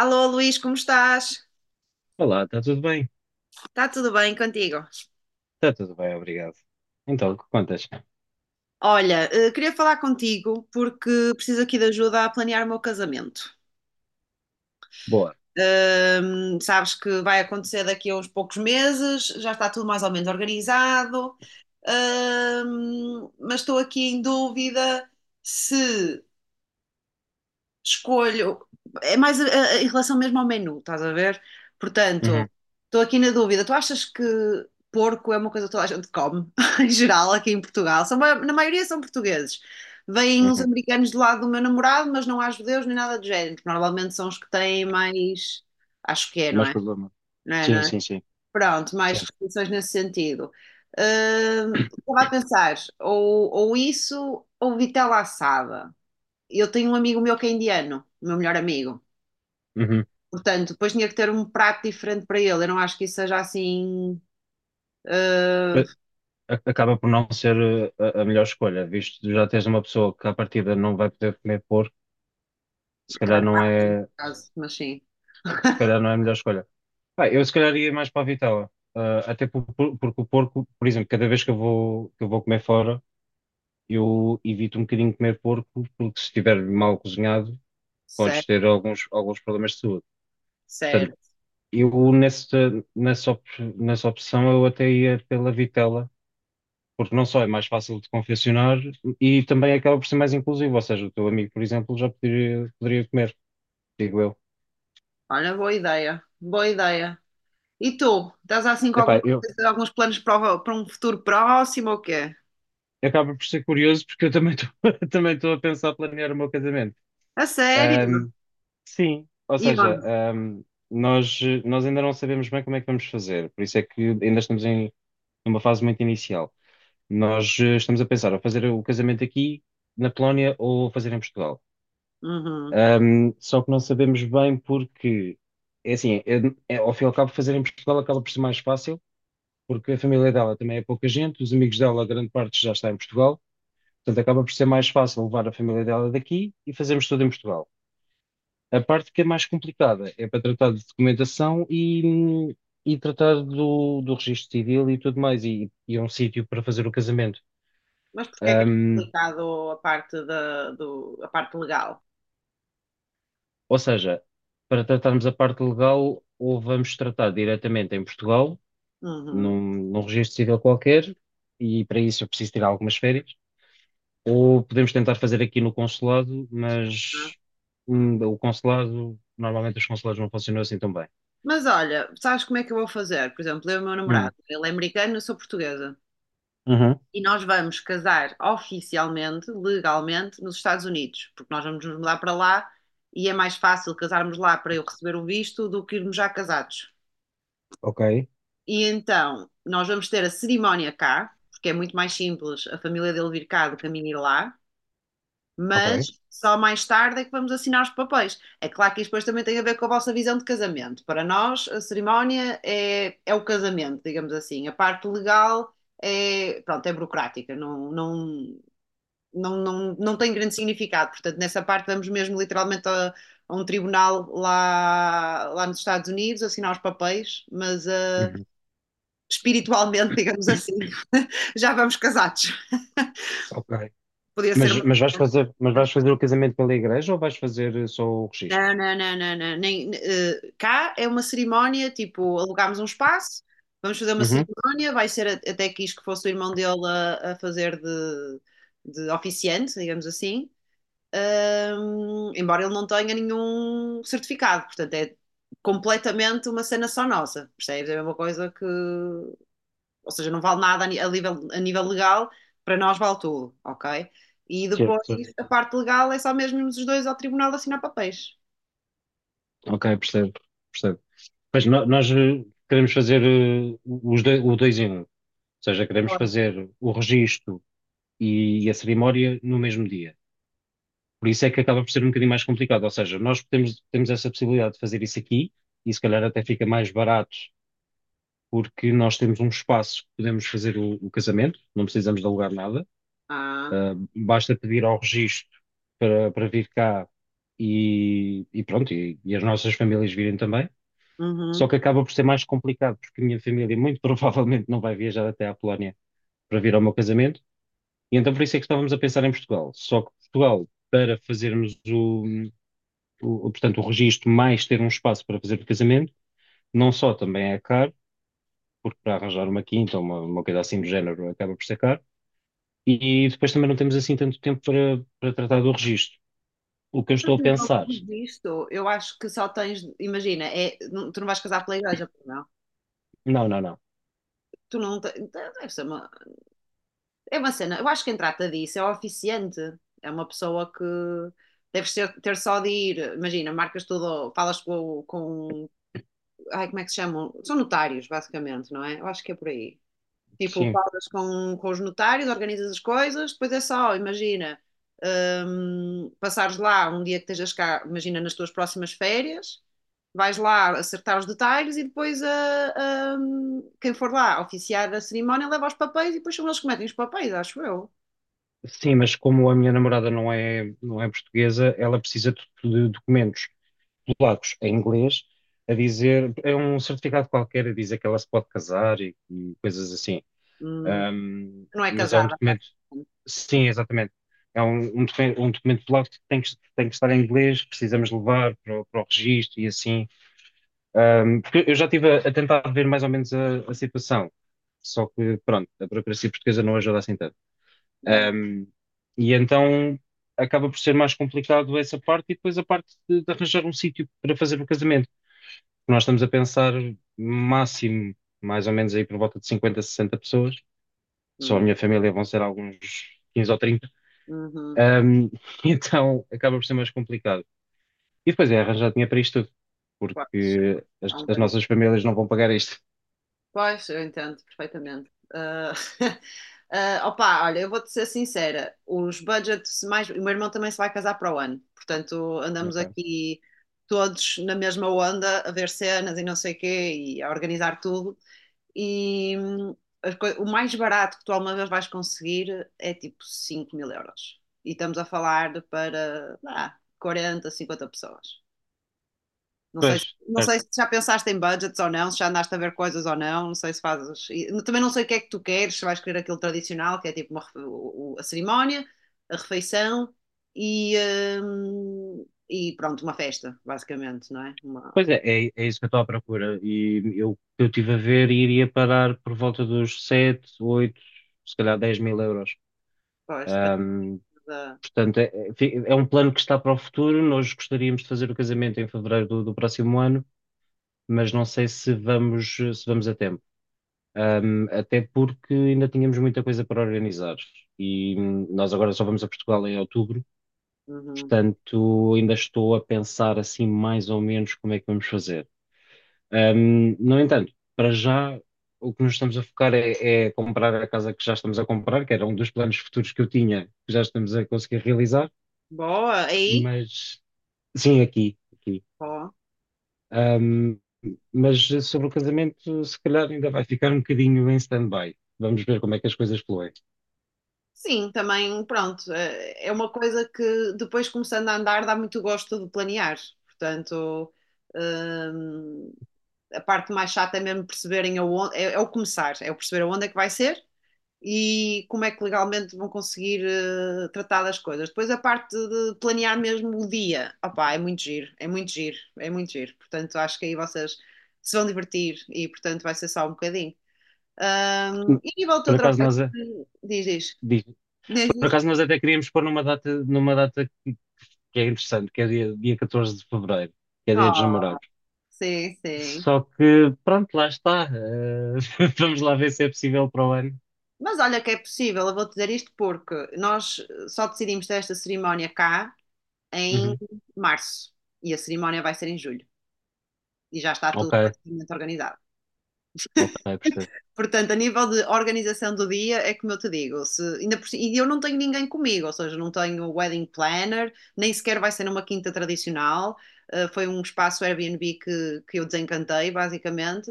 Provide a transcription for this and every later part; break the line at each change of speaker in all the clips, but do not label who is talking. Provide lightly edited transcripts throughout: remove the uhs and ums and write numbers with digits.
Alô Luís, como estás?
Olá, está tudo bem?
Está tudo bem contigo?
Está tudo bem, obrigado. Então, o que contas?
Olha, queria falar contigo porque preciso aqui de ajuda a planear o meu casamento.
Boa.
Sabes que vai acontecer daqui a uns poucos meses, já está tudo mais ou menos organizado, mas estou aqui em dúvida se escolho, é mais em relação mesmo ao menu, estás a ver?
Uhum,
Portanto, estou aqui na dúvida. Tu achas que porco é uma coisa que toda a gente come, em geral, aqui em Portugal? São, na maioria são portugueses. Vêm uns
uhum.
americanos do lado do meu namorado, mas não há judeus nem nada do género. Porque Normalmente são os que têm mais. Acho que é, não
Mais
é?
problema.
Não é, não
Sim,
é?
sim, sim.
Pronto, mais
Sim.
restrições nesse sentido. Estava a pensar, ou isso, ou vitela assada. Eu tenho um amigo meu que é indiano, o meu melhor amigo.
Uhum.
Portanto, depois tinha que ter um prato diferente para ele. Eu não acho que isso seja assim
Mas acaba por não ser a melhor escolha, visto que já tens uma pessoa que à partida não vai poder comer porco, se calhar
caso
não
a
é,
caso, mas sim.
se calhar não é a melhor escolha. Ah, eu se calhar ia mais para a vitela. Ah, até porque o porco, por exemplo, cada vez que eu vou, comer fora, eu evito um bocadinho comer porco, porque se estiver mal cozinhado, podes
Certo,
ter alguns problemas de saúde. Portanto,
certo.
eu nessa, op- nessa opção eu até ia pela vitela, porque não só é mais fácil de confeccionar e também acaba por ser mais inclusivo, ou seja, o teu amigo, por exemplo, já poderia comer, digo eu.
Olha, boa ideia. Boa ideia. E tu? Estás assim com alguma
Epá, eu
coisa, alguns planos para, para um futuro próximo ou quê?
acaba por ser curioso porque eu também estou também estou a pensar planear o meu casamento.
A sério?
Ahm, sim, ou
E
seja.
onde?
Ahm, nós, nós ainda não sabemos bem como é que vamos fazer, por isso é que ainda estamos numa fase muito inicial. Nós estamos a pensar a fazer o casamento aqui na Polónia ou fazer em Portugal.
Uhum.
Só que não sabemos bem porque, é assim, ao fim e ao cabo, fazer em Portugal acaba por ser mais fácil, porque a família dela também é pouca gente, os amigos dela, a grande parte já está em Portugal, portanto acaba por ser mais fácil levar a família dela daqui e fazermos tudo em Portugal. A parte que é mais complicada é para tratar de documentação e tratar do registro civil e tudo mais, e é um sítio para fazer o casamento.
Mas porquê é que é
Ahm,
complicado a parte a parte legal?
ou seja, para tratarmos a parte legal, ou vamos tratar diretamente em Portugal
Uhum.
num, num registro civil qualquer, e para isso eu preciso tirar algumas férias. Ou podemos tentar fazer aqui no consulado, mas o consulado, normalmente os consulados não funcionam assim tão bem.
Mas olha, sabes como é que eu vou fazer? Por exemplo, eu e o meu
Hum.
namorado, ele é americano, eu sou portuguesa.
Uhum.
E nós vamos casar oficialmente, legalmente, nos Estados Unidos, porque nós vamos nos mudar para lá e é mais fácil casarmos lá para eu receber o visto do que irmos já casados.
Ok,
E então nós vamos ter a cerimónia cá, porque é muito mais simples a família dele vir cá do que a minha ir lá, mas
ok.
só mais tarde é que vamos assinar os papéis. É claro que isto depois também tem a ver com a vossa visão de casamento. Para nós, a cerimónia é o casamento, digamos assim. A parte legal é, pronto, é burocrática, não tem grande significado. Portanto, nessa parte vamos mesmo literalmente a um tribunal lá nos Estados Unidos assinar os papéis, mas ah,
Uhum.
espiritualmente, digamos assim, já vamos casados.
Ok.
Podia ser
Mas,
uma.
mas vais fazer, mas vais fazer o casamento pela igreja ou vais fazer só o registro?
Não. Nem, eh, cá é uma cerimónia, tipo, alugámos um espaço, vamos fazer uma
Uhum.
cerimónia, vai ser até quis que fosse o irmão dele a fazer de oficiante, digamos assim. Hum, embora ele não tenha nenhum certificado, portanto é completamente uma cena só nossa, percebes? É a mesma coisa que, ou seja, não vale nada a nível, a nível legal, para nós vale tudo, ok? E
Certo,
depois
certo.
a parte legal é só mesmo os dois ao tribunal assinar papéis.
Ok, percebo. Mas nós queremos fazer o dois em um. Ou seja, queremos
Claro.
fazer o registro e a cerimónia no mesmo dia. Por isso é que acaba por ser um bocadinho mais complicado. Ou seja, nós temos essa possibilidade de fazer isso aqui e se calhar até fica mais barato porque nós temos um espaço que podemos fazer o casamento, não precisamos de alugar nada.
Ah,
Ah, basta pedir ao registro para vir cá e pronto, e as nossas famílias virem também. Só
uhum.
que acaba por ser mais complicado, porque a minha família muito provavelmente não vai viajar até à Polónia para vir ao meu casamento. E então por isso é que estávamos a pensar em Portugal. Só que Portugal, para fazermos portanto, o registro mais ter um espaço para fazer o casamento, não só também é caro, porque para arranjar uma quinta ou uma coisa assim do género acaba por ser caro, e depois também não temos assim tanto tempo para tratar do registro. O que eu
A
estou a
nível
pensar,
de eu acho que só tens, imagina, tu não vais casar pela igreja, pois não?
não, não, não.
Tu não te- deve ser uma. É uma cena, eu acho que quem trata disso é o oficiante, é uma pessoa que deve ser ter só de ir, imagina, marcas tudo, falas ai, como é que se chamam? São notários, basicamente, não é? Eu acho que é por aí. Tipo,
Sim,
falas com os notários, organizas as coisas, depois é só, imagina, passares lá um dia que estejas cá, imagina nas tuas próximas férias, vais lá acertar os detalhes e depois quem for lá oficiar a cerimónia leva os papéis e depois são eles que metem os papéis, acho eu.
sim, mas como a minha namorada não é portuguesa, ela precisa de documentos polacos em inglês a dizer, é um certificado qualquer a dizer que ela se pode casar e coisas assim.
Hum, não é
Mas é um
casada.
documento, sim, exatamente. É um documento polaco que tem que estar em inglês, precisamos levar para o registro e assim. Porque eu já estive a tentar ver mais ou menos a situação, só que, pronto, a burocracia portuguesa não ajuda assim tanto.
É. É.
Ahm, e então acaba por ser mais complicado essa parte e depois a parte de arranjar um sítio para fazer o casamento. Nós estamos a pensar máximo, mais ou menos aí por volta de 50, 60 pessoas. Só a
Hum,
minha família vão ser alguns 15 ou 30.
uhum,
Ahm, então acaba por ser mais complicado. E depois é arranjar dinheiro para isto tudo,
pois,
porque
há um
as
tempo.
nossas famílias não vão pagar isto.
Pois, eu entendo perfeitamente. Ah, ah, opa, olha, eu vou-te ser sincera, os budgets mais. O meu irmão também se vai casar para o ano, portanto, andamos
Ok.
aqui todos na mesma onda a ver cenas e não sei o quê e a organizar tudo. E o mais barato que tu alguma vez vais conseguir é tipo 5000 euros. E estamos a falar de para ah, 40, 50 pessoas. Não sei,
Pois,
não
certo.
sei se já pensaste em budgets ou não, se já andaste a ver coisas ou não, não sei se fazes. E também não sei o que é que tu queres, se vais querer aquilo tradicional, que é tipo uma a cerimónia, a refeição e, e pronto, uma festa, basicamente, não é? Uma,
Pois é, é isso que eu estou à procura. E eu estive a ver e iria parar por volta dos 7 8 se calhar 10 mil euros.
pois, depende da.
Portanto, é um plano que está para o futuro. Nós gostaríamos de fazer o casamento em fevereiro do próximo ano, mas não sei se vamos, a tempo. Até porque ainda tínhamos muita coisa para organizar e nós agora só vamos a Portugal em outubro,
Uhum.
portanto, ainda estou a pensar assim mais ou menos como é que vamos fazer. No entanto, para já o que nos estamos a focar é comprar a casa que já estamos a comprar, que era um dos planos futuros que eu tinha, que já estamos a conseguir realizar,
Boa, aí?
mas. Sim, aqui, aqui.
Boa.
Ahm, mas sobre o casamento, se calhar ainda vai ficar um bocadinho em stand-by. Vamos ver como é que as coisas fluem.
Sim, também, pronto, eh, é uma coisa que depois começando a andar dá muito gosto de planear. Portanto, hum, a parte mais chata é mesmo perceberem aonde, é o começar, é o perceber aonde é que vai ser e como é que legalmente vão conseguir tratar das coisas. Depois a parte de planear mesmo o dia, opá, é muito giro, é muito giro, é muito giro. Portanto, acho que aí vocês se vão divertir e, portanto, vai ser só um bocadinho. E a nível do
Por
teu
acaso
trabalho, diz,
diz- por
diz.
acaso nós até queríamos pôr numa data, que é interessante, que é dia 14 de fevereiro, que é dia dos
Oh,
namorados.
sim, sim.
Só que, pronto, lá está. Vamos lá ver se é possível para o ano.
Mas olha que é possível, eu vou te dizer isto porque nós só decidimos ter esta cerimónia cá em
Uhum.
março e a cerimónia vai ser em julho e já está
Ok,
tudo praticamente organizado.
ok, percebo.
Portanto, a nível de organização do dia, é como eu te digo, se, ainda por, e eu não tenho ninguém comigo, ou seja, não tenho um wedding planner, nem sequer vai ser numa quinta tradicional. Foi um espaço Airbnb que eu desencantei, basicamente.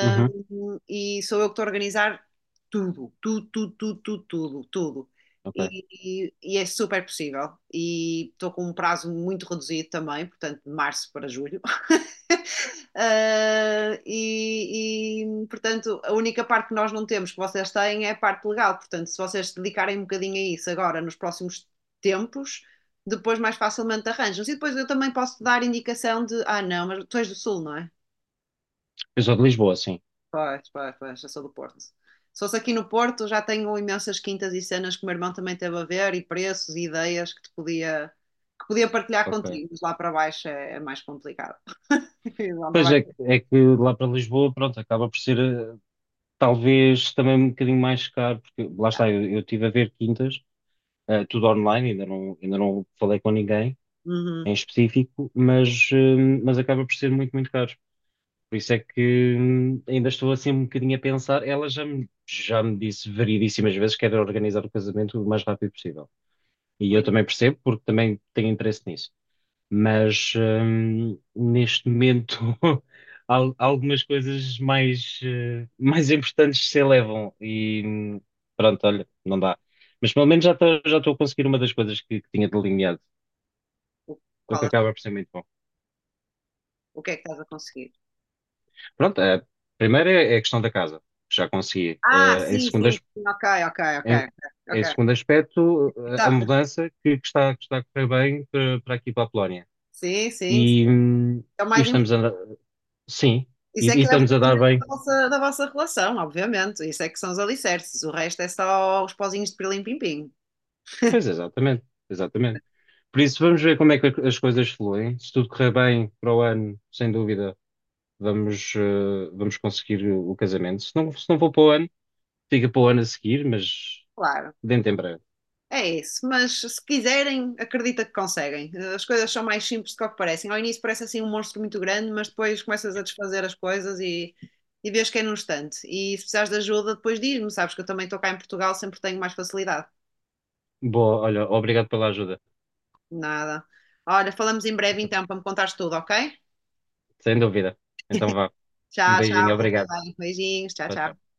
Uhum,
e sou eu que estou a organizar tudo, tudo, tudo, tudo, tudo, tudo, tudo.
ok.
E é super possível. E estou com um prazo muito reduzido também, portanto, de março para julho. Portanto, a única parte que nós não temos, que vocês têm, é a parte legal. Portanto, se vocês se dedicarem um bocadinho a isso agora, nos próximos tempos, depois mais facilmente arranjam. E depois eu também posso dar indicação de: ah, não, mas tu és do Sul, não é?
Eu sou de Lisboa, sim.
Pois, eu sou do Porto. Se fosse aqui no Porto, já tenho imensas quintas e cenas que o meu irmão também teve a ver, e preços e ideias que podia partilhar
Ok.
contigo, mas lá para baixo é, é mais complicado. Lá para
Pois
baixo
é,
é
é que lá para Lisboa, pronto, acaba por ser talvez também um bocadinho mais caro, porque lá
complicado.
está, eu estive a ver quintas, tudo online, ainda não falei com ninguém
Uhum.
em específico, mas acaba por ser muito, muito caro. Por isso é que ainda estou assim um bocadinho a pensar. Ela já me disse variedíssimas vezes que era organizar o casamento o mais rápido possível. E
Ui,
eu também percebo, porque também tenho interesse nisso, mas neste momento algumas coisas mais, mais importantes se elevam e pronto, olha, não dá. Mas pelo menos já estou a conseguir uma das coisas que tinha delineado, o que
qual
acaba por ser muito bom.
o que é que estás a conseguir.
Pronto, a primeira é a questão da casa, que já consegui.
Ah,
Em segundo,
sim, ok,
em,
ok. Ok.
segundo aspecto, a
Tá,
mudança que está a correr bem para aqui para a Polónia.
sim, sim,
E, hum,
é o
e
mais
estamos a,
importante.
sim,
Isso é
e
que é o
estamos a dar
fundamento
bem.
da vossa relação, obviamente. Isso é que são os alicerces. O resto é só os pozinhos de pirlim-pim-pim.
Pois, exatamente, exatamente. Por isso, vamos ver como é que as coisas fluem. Se tudo correr bem para o ano, sem dúvida, vamos conseguir o casamento. Se não for para o ano, fica para o ano a seguir, mas
Claro,
dentro em breve.
é isso. Mas se quiserem, acredita que conseguem. As coisas são mais simples do que o que parecem. Ao início parece assim um monstro muito grande, mas depois começas a desfazer as coisas e vês que é num instante. E se precisares de ajuda, depois diz-me. Sabes que eu também estou cá em Portugal, sempre tenho mais facilidade.
Boa, olha, obrigado pela ajuda.
Nada. Olha, falamos em breve
Então,
então para me contares tudo, ok?
sem dúvida. Então vá. Um
Tchau,
beijinho,
tchau, fica
obrigado.
bem. Beijinhos, tchau,
Tchau,
tchau.
tchau.